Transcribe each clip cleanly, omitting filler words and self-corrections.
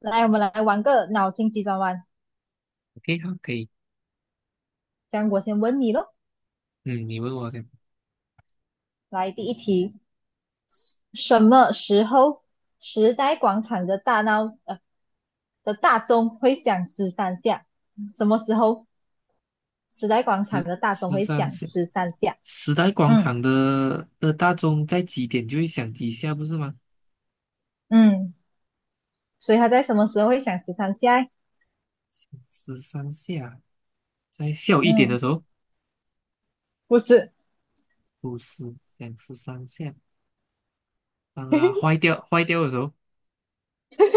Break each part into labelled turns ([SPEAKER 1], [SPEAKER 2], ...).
[SPEAKER 1] 来，我们来玩个脑筋急转弯。
[SPEAKER 2] 可以，好，可以。
[SPEAKER 1] 这样，我先问你咯。
[SPEAKER 2] 嗯，你问我讲
[SPEAKER 1] 来，第一题，什么时候时代广场的大闹呃的大钟会响十三下？什么时候时代广场
[SPEAKER 2] 十
[SPEAKER 1] 的大钟
[SPEAKER 2] 十
[SPEAKER 1] 会
[SPEAKER 2] 三
[SPEAKER 1] 响
[SPEAKER 2] 时
[SPEAKER 1] 十三下？
[SPEAKER 2] 时代广
[SPEAKER 1] 嗯
[SPEAKER 2] 场的大钟在几点就会响几下，不是吗？
[SPEAKER 1] 嗯，所以它在什么时候会响十三下？
[SPEAKER 2] 十三下，在下午一点
[SPEAKER 1] 嗯，
[SPEAKER 2] 的时候，
[SPEAKER 1] 不是，
[SPEAKER 2] 不是响十三下。当它坏掉的时候，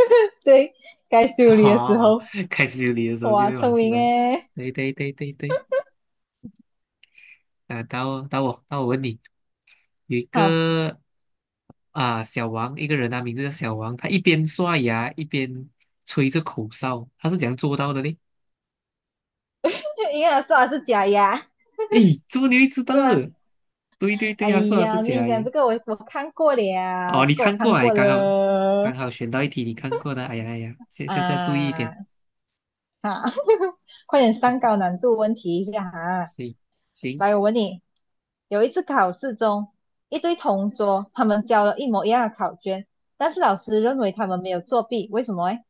[SPEAKER 1] 对，该 修理的时
[SPEAKER 2] 哦，
[SPEAKER 1] 候。
[SPEAKER 2] 该修理的时候就
[SPEAKER 1] 哇，
[SPEAKER 2] 会往
[SPEAKER 1] 聪
[SPEAKER 2] 十
[SPEAKER 1] 明
[SPEAKER 2] 三。
[SPEAKER 1] 诶。
[SPEAKER 2] 对对对对对，啊，到我问你，有一
[SPEAKER 1] 好，
[SPEAKER 2] 个啊小王，一个人他名字叫小王，他一边刷牙一边吹着口哨，他是怎样做到的呢？
[SPEAKER 1] 就应该说它是假牙，
[SPEAKER 2] 诶，怎么你会知
[SPEAKER 1] 是
[SPEAKER 2] 道
[SPEAKER 1] 吗？
[SPEAKER 2] 的？对对对，
[SPEAKER 1] 哎
[SPEAKER 2] 他说的
[SPEAKER 1] 呀，
[SPEAKER 2] 是
[SPEAKER 1] 我跟你
[SPEAKER 2] 假
[SPEAKER 1] 讲，
[SPEAKER 2] 牙。
[SPEAKER 1] 这个我看过了，
[SPEAKER 2] 哦，你
[SPEAKER 1] 这个我
[SPEAKER 2] 看过
[SPEAKER 1] 看
[SPEAKER 2] 啊？
[SPEAKER 1] 过
[SPEAKER 2] 刚好刚
[SPEAKER 1] 了。
[SPEAKER 2] 好选到一题你看过的。哎呀哎呀，下下次要注意一点。
[SPEAKER 1] 啊哈，快点上高难度问题一下哈。
[SPEAKER 2] 行行，
[SPEAKER 1] 来，我问你，有一次考试中，一对同桌他们交了一模一样的考卷，但是老师认为他们没有作弊，为什么诶？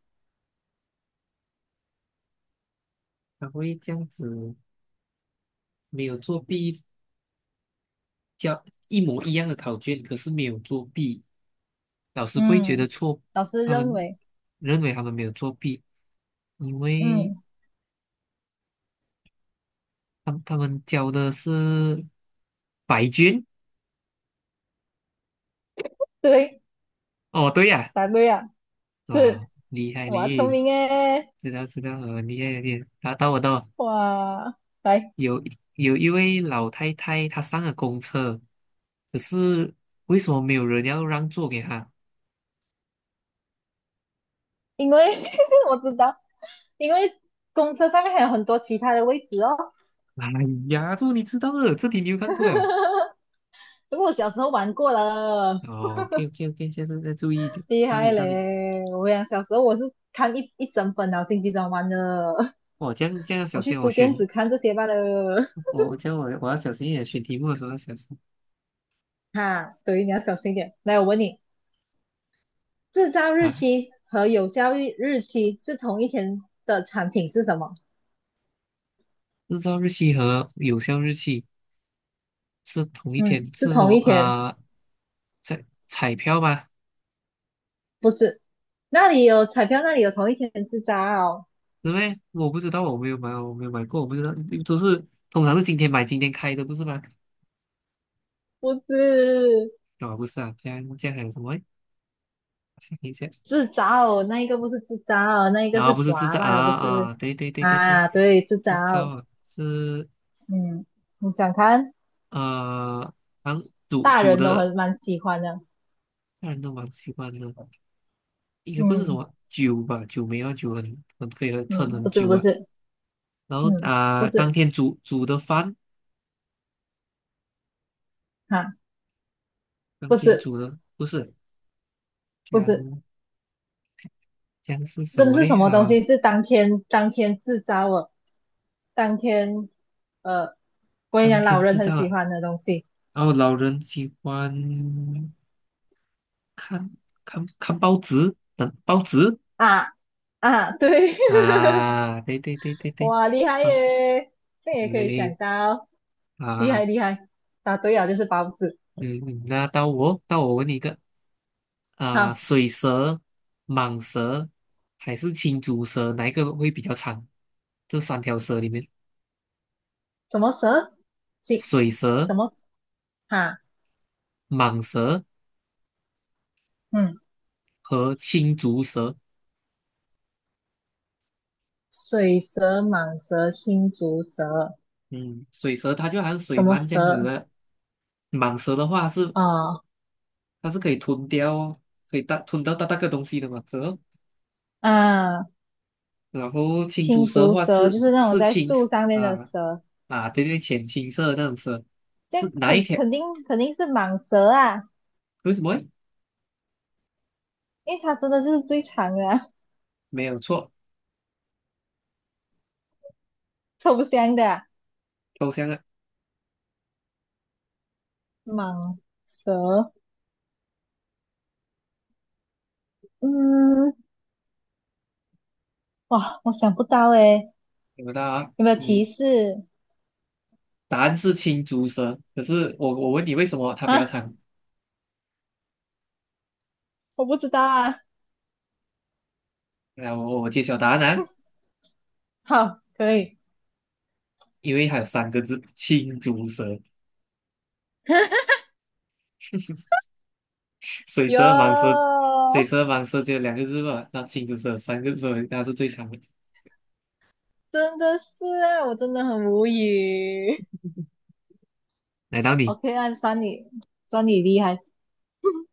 [SPEAKER 2] 他会这样子，没有作弊，交一模一样的考卷，可是没有作弊，老师不会觉得
[SPEAKER 1] 嗯，
[SPEAKER 2] 错，
[SPEAKER 1] 老师
[SPEAKER 2] 他
[SPEAKER 1] 认
[SPEAKER 2] 们
[SPEAKER 1] 为，
[SPEAKER 2] 认为他们没有作弊，因为
[SPEAKER 1] 嗯，
[SPEAKER 2] 他们交的是白卷。
[SPEAKER 1] 对，
[SPEAKER 2] 哦，对呀、
[SPEAKER 1] 答对了，
[SPEAKER 2] 啊，哇，
[SPEAKER 1] 是，
[SPEAKER 2] 厉害
[SPEAKER 1] 哇，聪
[SPEAKER 2] 嘞！
[SPEAKER 1] 明诶，
[SPEAKER 2] 知道知道，厉害厉害。然后到我。
[SPEAKER 1] 哇，来。
[SPEAKER 2] 有有一位老太太，她上了公车，可是为什么没有人要让座给她？
[SPEAKER 1] 因为 我知道，因为公车上面还有很多其他的位置哦。
[SPEAKER 2] 哎呀，这你知道的，这题你有看过了。
[SPEAKER 1] 不过我小时候玩过了，
[SPEAKER 2] 哦，OK OK OK，下次再注意一点。
[SPEAKER 1] 厉
[SPEAKER 2] 到
[SPEAKER 1] 害
[SPEAKER 2] 你到你，
[SPEAKER 1] 嘞！我讲小时候我是看一整本了《经济专栏》的，
[SPEAKER 2] 我这样要
[SPEAKER 1] 我
[SPEAKER 2] 小
[SPEAKER 1] 去
[SPEAKER 2] 心，我
[SPEAKER 1] 书店
[SPEAKER 2] 选
[SPEAKER 1] 只看这些罢了。
[SPEAKER 2] 我这样我我要小心一点，选题目的时候要小心
[SPEAKER 1] 哈，对，你要小心一点。来，我问你，制造日
[SPEAKER 2] 啊。
[SPEAKER 1] 期和有效日期是同一天的产品是什么？
[SPEAKER 2] 日照日期和有效日期是同一天，
[SPEAKER 1] 嗯，是
[SPEAKER 2] 是什
[SPEAKER 1] 同
[SPEAKER 2] 么
[SPEAKER 1] 一天，
[SPEAKER 2] 啊？彩票吗？
[SPEAKER 1] 不是？那里有彩票，那里有同一天制造，
[SPEAKER 2] 是么？我不知道，我没有买，我没有买过，我不知道，都是通常是今天买今天开的，不是吗？
[SPEAKER 1] 不是？
[SPEAKER 2] 啊、不是啊，这样还有什么诶？想一下，
[SPEAKER 1] 自找，那一个不是自找，那一个
[SPEAKER 2] 啊，
[SPEAKER 1] 是
[SPEAKER 2] 不是制
[SPEAKER 1] 滑
[SPEAKER 2] 造啊
[SPEAKER 1] 吧的，不是
[SPEAKER 2] 啊，对对对对对，
[SPEAKER 1] 啊？对，自
[SPEAKER 2] 制造
[SPEAKER 1] 找。
[SPEAKER 2] 啊是
[SPEAKER 1] 嗯，你想看，
[SPEAKER 2] 呃，啊，煮
[SPEAKER 1] 大
[SPEAKER 2] 煮
[SPEAKER 1] 人都
[SPEAKER 2] 的，
[SPEAKER 1] 很蛮喜欢的。
[SPEAKER 2] 家人都蛮喜欢的，应该不是什
[SPEAKER 1] 嗯
[SPEAKER 2] 么酒吧，酒没有啊酒很可以喝撑
[SPEAKER 1] 嗯，
[SPEAKER 2] 很
[SPEAKER 1] 不是
[SPEAKER 2] 久
[SPEAKER 1] 不
[SPEAKER 2] 啊。
[SPEAKER 1] 是，
[SPEAKER 2] 然后
[SPEAKER 1] 嗯不
[SPEAKER 2] 啊、当
[SPEAKER 1] 是
[SPEAKER 2] 天煮的饭，
[SPEAKER 1] 啊，
[SPEAKER 2] 当
[SPEAKER 1] 不
[SPEAKER 2] 天
[SPEAKER 1] 是
[SPEAKER 2] 煮的不是，这
[SPEAKER 1] 不是，
[SPEAKER 2] 样这样是什
[SPEAKER 1] 真的
[SPEAKER 2] 么
[SPEAKER 1] 是
[SPEAKER 2] 嘞？
[SPEAKER 1] 什么东
[SPEAKER 2] 啊，
[SPEAKER 1] 西？是当天当天自找哦，当天呃，我跟你
[SPEAKER 2] 当
[SPEAKER 1] 讲，老
[SPEAKER 2] 天
[SPEAKER 1] 人
[SPEAKER 2] 制
[SPEAKER 1] 很
[SPEAKER 2] 造
[SPEAKER 1] 喜
[SPEAKER 2] 啊。
[SPEAKER 1] 欢的东西
[SPEAKER 2] 然后老人喜欢看看报纸，等报纸
[SPEAKER 1] 啊啊，对，
[SPEAKER 2] 啊，对对对对对，
[SPEAKER 1] 哇，厉害
[SPEAKER 2] 报纸，
[SPEAKER 1] 耶，这
[SPEAKER 2] 好
[SPEAKER 1] 也可
[SPEAKER 2] 嘞
[SPEAKER 1] 以想
[SPEAKER 2] 嘞
[SPEAKER 1] 到，厉
[SPEAKER 2] 啊，
[SPEAKER 1] 害厉害，答对了就是包子。
[SPEAKER 2] 嗯，嗯那到我问你一个啊，
[SPEAKER 1] 好，
[SPEAKER 2] 水蛇、蟒蛇还是青竹蛇，哪一个会比较长？这三条蛇里面，
[SPEAKER 1] 什么蛇？金
[SPEAKER 2] 水蛇、
[SPEAKER 1] 什么哈？
[SPEAKER 2] 蟒蛇
[SPEAKER 1] 嗯，
[SPEAKER 2] 和青竹蛇，
[SPEAKER 1] 水蛇、蟒蛇、青竹蛇，
[SPEAKER 2] 嗯，水蛇它就好像
[SPEAKER 1] 什
[SPEAKER 2] 水
[SPEAKER 1] 么
[SPEAKER 2] 鳗这样子
[SPEAKER 1] 蛇？
[SPEAKER 2] 的，蟒蛇的话是
[SPEAKER 1] 哦，
[SPEAKER 2] 它是可以吞掉哦，可以大吞到大大个东西的嘛，是哦。
[SPEAKER 1] 啊，
[SPEAKER 2] 然后青竹
[SPEAKER 1] 青
[SPEAKER 2] 蛇的
[SPEAKER 1] 竹
[SPEAKER 2] 话
[SPEAKER 1] 蛇就
[SPEAKER 2] 是
[SPEAKER 1] 是那种
[SPEAKER 2] 是
[SPEAKER 1] 在
[SPEAKER 2] 青
[SPEAKER 1] 树上面的
[SPEAKER 2] 啊
[SPEAKER 1] 蛇，
[SPEAKER 2] 啊，对对，浅青色的那种蛇，
[SPEAKER 1] 这
[SPEAKER 2] 是
[SPEAKER 1] 样
[SPEAKER 2] 哪一
[SPEAKER 1] 肯
[SPEAKER 2] 条？
[SPEAKER 1] 肯定肯定是蟒蛇啊，
[SPEAKER 2] 为什么诶？
[SPEAKER 1] 因为它真的是最长的啊，
[SPEAKER 2] 没有错，
[SPEAKER 1] 臭不香的啊
[SPEAKER 2] 抽象啊，
[SPEAKER 1] 蟒蛇。嗯，哇，我想不到诶，
[SPEAKER 2] 有的啊，
[SPEAKER 1] 有没有提
[SPEAKER 2] 你
[SPEAKER 1] 示
[SPEAKER 2] 答案是青竹蛇，可是我问你为什么它比较
[SPEAKER 1] 啊？
[SPEAKER 2] 长？
[SPEAKER 1] 我不知道啊。
[SPEAKER 2] 来，我揭晓答案啊，
[SPEAKER 1] 好，可以。
[SPEAKER 2] 因为它有三个字，青竹蛇。水蛇、蟒蛇、
[SPEAKER 1] 有。
[SPEAKER 2] 水蛇、蟒蛇只有两个字吧？那青竹蛇有三个字，所以它是最长的。
[SPEAKER 1] 真的是啊，我真的很无语。
[SPEAKER 2] 来到 你。
[SPEAKER 1] OK,按算你算你厉害。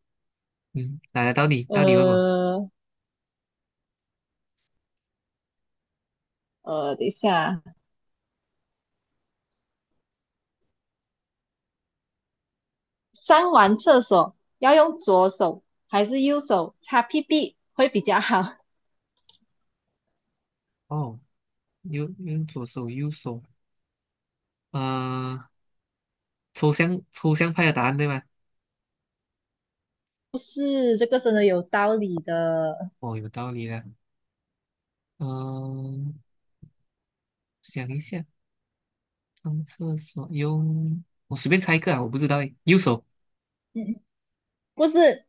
[SPEAKER 2] 嗯，来来，到你，到你问我。
[SPEAKER 1] 呃等一下，上完厕所要用左手还是右手擦屁屁会比较好？
[SPEAKER 2] 哦，用左手，右手。呃，抽象派的答案对吗？
[SPEAKER 1] 不是，这个真的有道理的。
[SPEAKER 2] 哦，有道理的。嗯、想一下，上厕所用，我随便猜一个啊，我不知道诶。右手
[SPEAKER 1] 嗯，嗯不是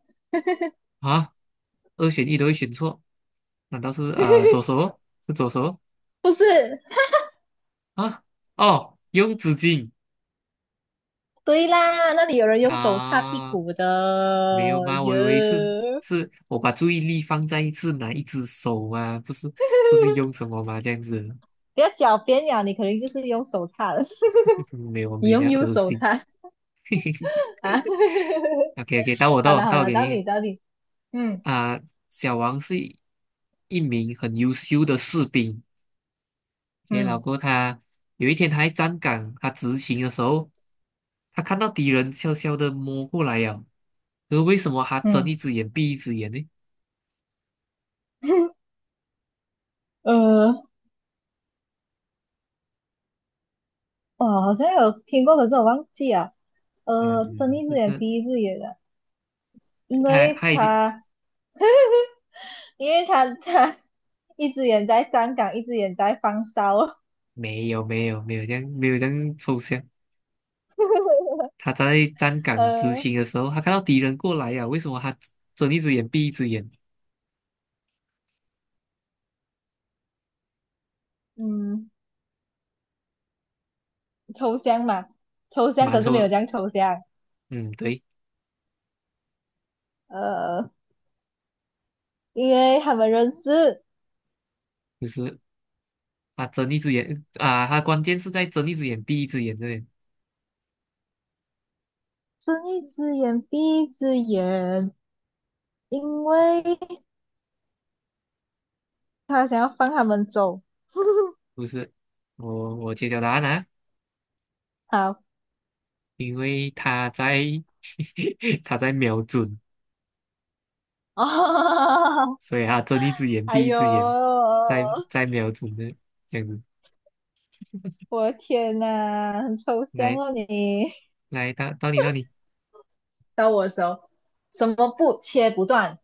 [SPEAKER 2] 啊，二选一都会选错，难道是啊、左手哦是左手哦
[SPEAKER 1] 不是，
[SPEAKER 2] 啊？哦，用纸巾
[SPEAKER 1] 对啦，那里有人用手擦屁
[SPEAKER 2] 啊？
[SPEAKER 1] 股的
[SPEAKER 2] 没有吗？我以为是
[SPEAKER 1] 哟。
[SPEAKER 2] 是我把注意力放在是哪一只手嘛，不是不是用什么吗？这样子。
[SPEAKER 1] 不要狡辩呀，你肯定就是用手擦的，
[SPEAKER 2] 没有，
[SPEAKER 1] 你
[SPEAKER 2] 没有这
[SPEAKER 1] 用
[SPEAKER 2] 样
[SPEAKER 1] 右
[SPEAKER 2] 恶
[SPEAKER 1] 手
[SPEAKER 2] 心。
[SPEAKER 1] 擦啊。
[SPEAKER 2] OK OK，到我
[SPEAKER 1] 好
[SPEAKER 2] 到
[SPEAKER 1] 了
[SPEAKER 2] 我
[SPEAKER 1] 好
[SPEAKER 2] 到我
[SPEAKER 1] 了，
[SPEAKER 2] 给
[SPEAKER 1] 到
[SPEAKER 2] 你
[SPEAKER 1] 你到你，嗯
[SPEAKER 2] 啊、小王是一名很优秀的士兵。OK，然后
[SPEAKER 1] 嗯
[SPEAKER 2] 过后他有一天他在站岗，他执勤的时候，他看到敌人悄悄的摸过来呀。可是为什么他睁
[SPEAKER 1] 嗯，
[SPEAKER 2] 一只眼闭一只眼呢？
[SPEAKER 1] 呃，哦，好像有听过，可是我忘记了。睁
[SPEAKER 2] 嗯，
[SPEAKER 1] 一只
[SPEAKER 2] 就
[SPEAKER 1] 眼
[SPEAKER 2] 是
[SPEAKER 1] 闭一只眼的，因
[SPEAKER 2] 他
[SPEAKER 1] 为
[SPEAKER 2] 他已经
[SPEAKER 1] 他因为他他 一只眼在站岗，一只眼在放哨。
[SPEAKER 2] 没有这样抽象。他在站岗执
[SPEAKER 1] 呃，
[SPEAKER 2] 勤的时候，他看到敌人过来呀、为什么他睁一只眼闭一只眼？
[SPEAKER 1] 嗯，抽象嘛，抽象
[SPEAKER 2] 蛮
[SPEAKER 1] 可是没有这
[SPEAKER 2] 抽
[SPEAKER 1] 样抽象。
[SPEAKER 2] 嗯，对，
[SPEAKER 1] 呃，因为他们认识，
[SPEAKER 2] 就是啊，睁一只眼啊，他关键是在睁一只眼闭一只眼这边，
[SPEAKER 1] 睁一只眼闭一只眼，因为他想要放他们走。
[SPEAKER 2] 不是？我揭晓答案啦，
[SPEAKER 1] 好，
[SPEAKER 2] 因为他在 他在瞄准，
[SPEAKER 1] 哦，
[SPEAKER 2] 所以他睁一只眼
[SPEAKER 1] 哎
[SPEAKER 2] 闭一
[SPEAKER 1] 呦，
[SPEAKER 2] 只眼，在瞄准的这样子。
[SPEAKER 1] 我的天呐，很抽象
[SPEAKER 2] 来
[SPEAKER 1] 哦你。
[SPEAKER 2] 来，到你
[SPEAKER 1] 到我的时候，什么布切不断？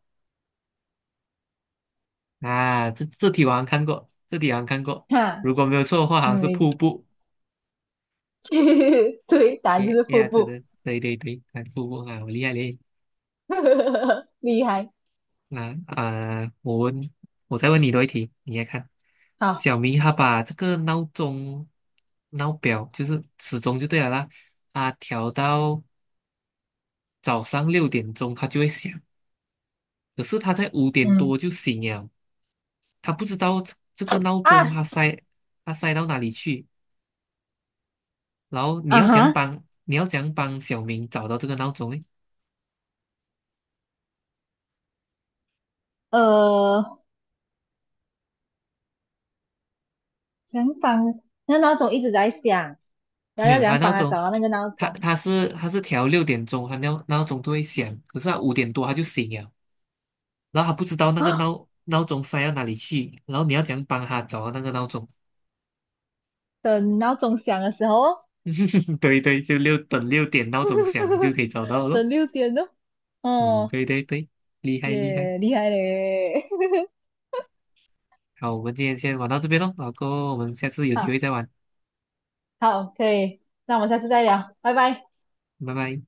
[SPEAKER 2] 啊，这这题我好像看过，这题好像看过，
[SPEAKER 1] 哈，
[SPEAKER 2] 如果没有错的话，好像
[SPEAKER 1] 嗯，
[SPEAKER 2] 是
[SPEAKER 1] 你
[SPEAKER 2] 瀑布。
[SPEAKER 1] 对，答案 就
[SPEAKER 2] 耶
[SPEAKER 1] 是瀑
[SPEAKER 2] 耶，真
[SPEAKER 1] 布，
[SPEAKER 2] 的，对对对，看瀑布啊，我厉害嘞。
[SPEAKER 1] 厉害。
[SPEAKER 2] 那我问，我再问你多一题，你来看。
[SPEAKER 1] 好，
[SPEAKER 2] 小明他把这个闹钟、闹表，就是时钟就对了啦，啊，调到早上六点钟，他就会响。可是他在五点
[SPEAKER 1] 嗯
[SPEAKER 2] 多就醒了，他不知道这个闹钟
[SPEAKER 1] 啊
[SPEAKER 2] 他塞到哪里去。然后你
[SPEAKER 1] 啊
[SPEAKER 2] 要怎样
[SPEAKER 1] 哈，
[SPEAKER 2] 帮你要怎样帮小明找到这个闹钟？呢？
[SPEAKER 1] 呃，想帮那闹钟一直在响，然后
[SPEAKER 2] 没
[SPEAKER 1] 要
[SPEAKER 2] 有，
[SPEAKER 1] 怎
[SPEAKER 2] 他
[SPEAKER 1] 样帮
[SPEAKER 2] 闹
[SPEAKER 1] 他
[SPEAKER 2] 钟，
[SPEAKER 1] 找到那个闹
[SPEAKER 2] 他
[SPEAKER 1] 钟
[SPEAKER 2] 他是他是调六点钟，他闹钟都会响，可是他五点多他就醒了。然后他不知道那个
[SPEAKER 1] 啊？
[SPEAKER 2] 闹钟塞到哪里去，然后你要怎样帮他找到那个闹钟？
[SPEAKER 1] 等闹钟响的时候哦，
[SPEAKER 2] 对对，就六点闹钟响就可以找到 了。
[SPEAKER 1] 等6点哦。
[SPEAKER 2] 嗯，
[SPEAKER 1] 哦，
[SPEAKER 2] 对对对，厉害厉害。
[SPEAKER 1] 耶，厉害嘞。
[SPEAKER 2] 好，我们今天先玩到这边喽，老哥，我们下次有机
[SPEAKER 1] 好
[SPEAKER 2] 会再玩，
[SPEAKER 1] 好，可以，那我们下次再聊，拜拜。
[SPEAKER 2] 拜拜。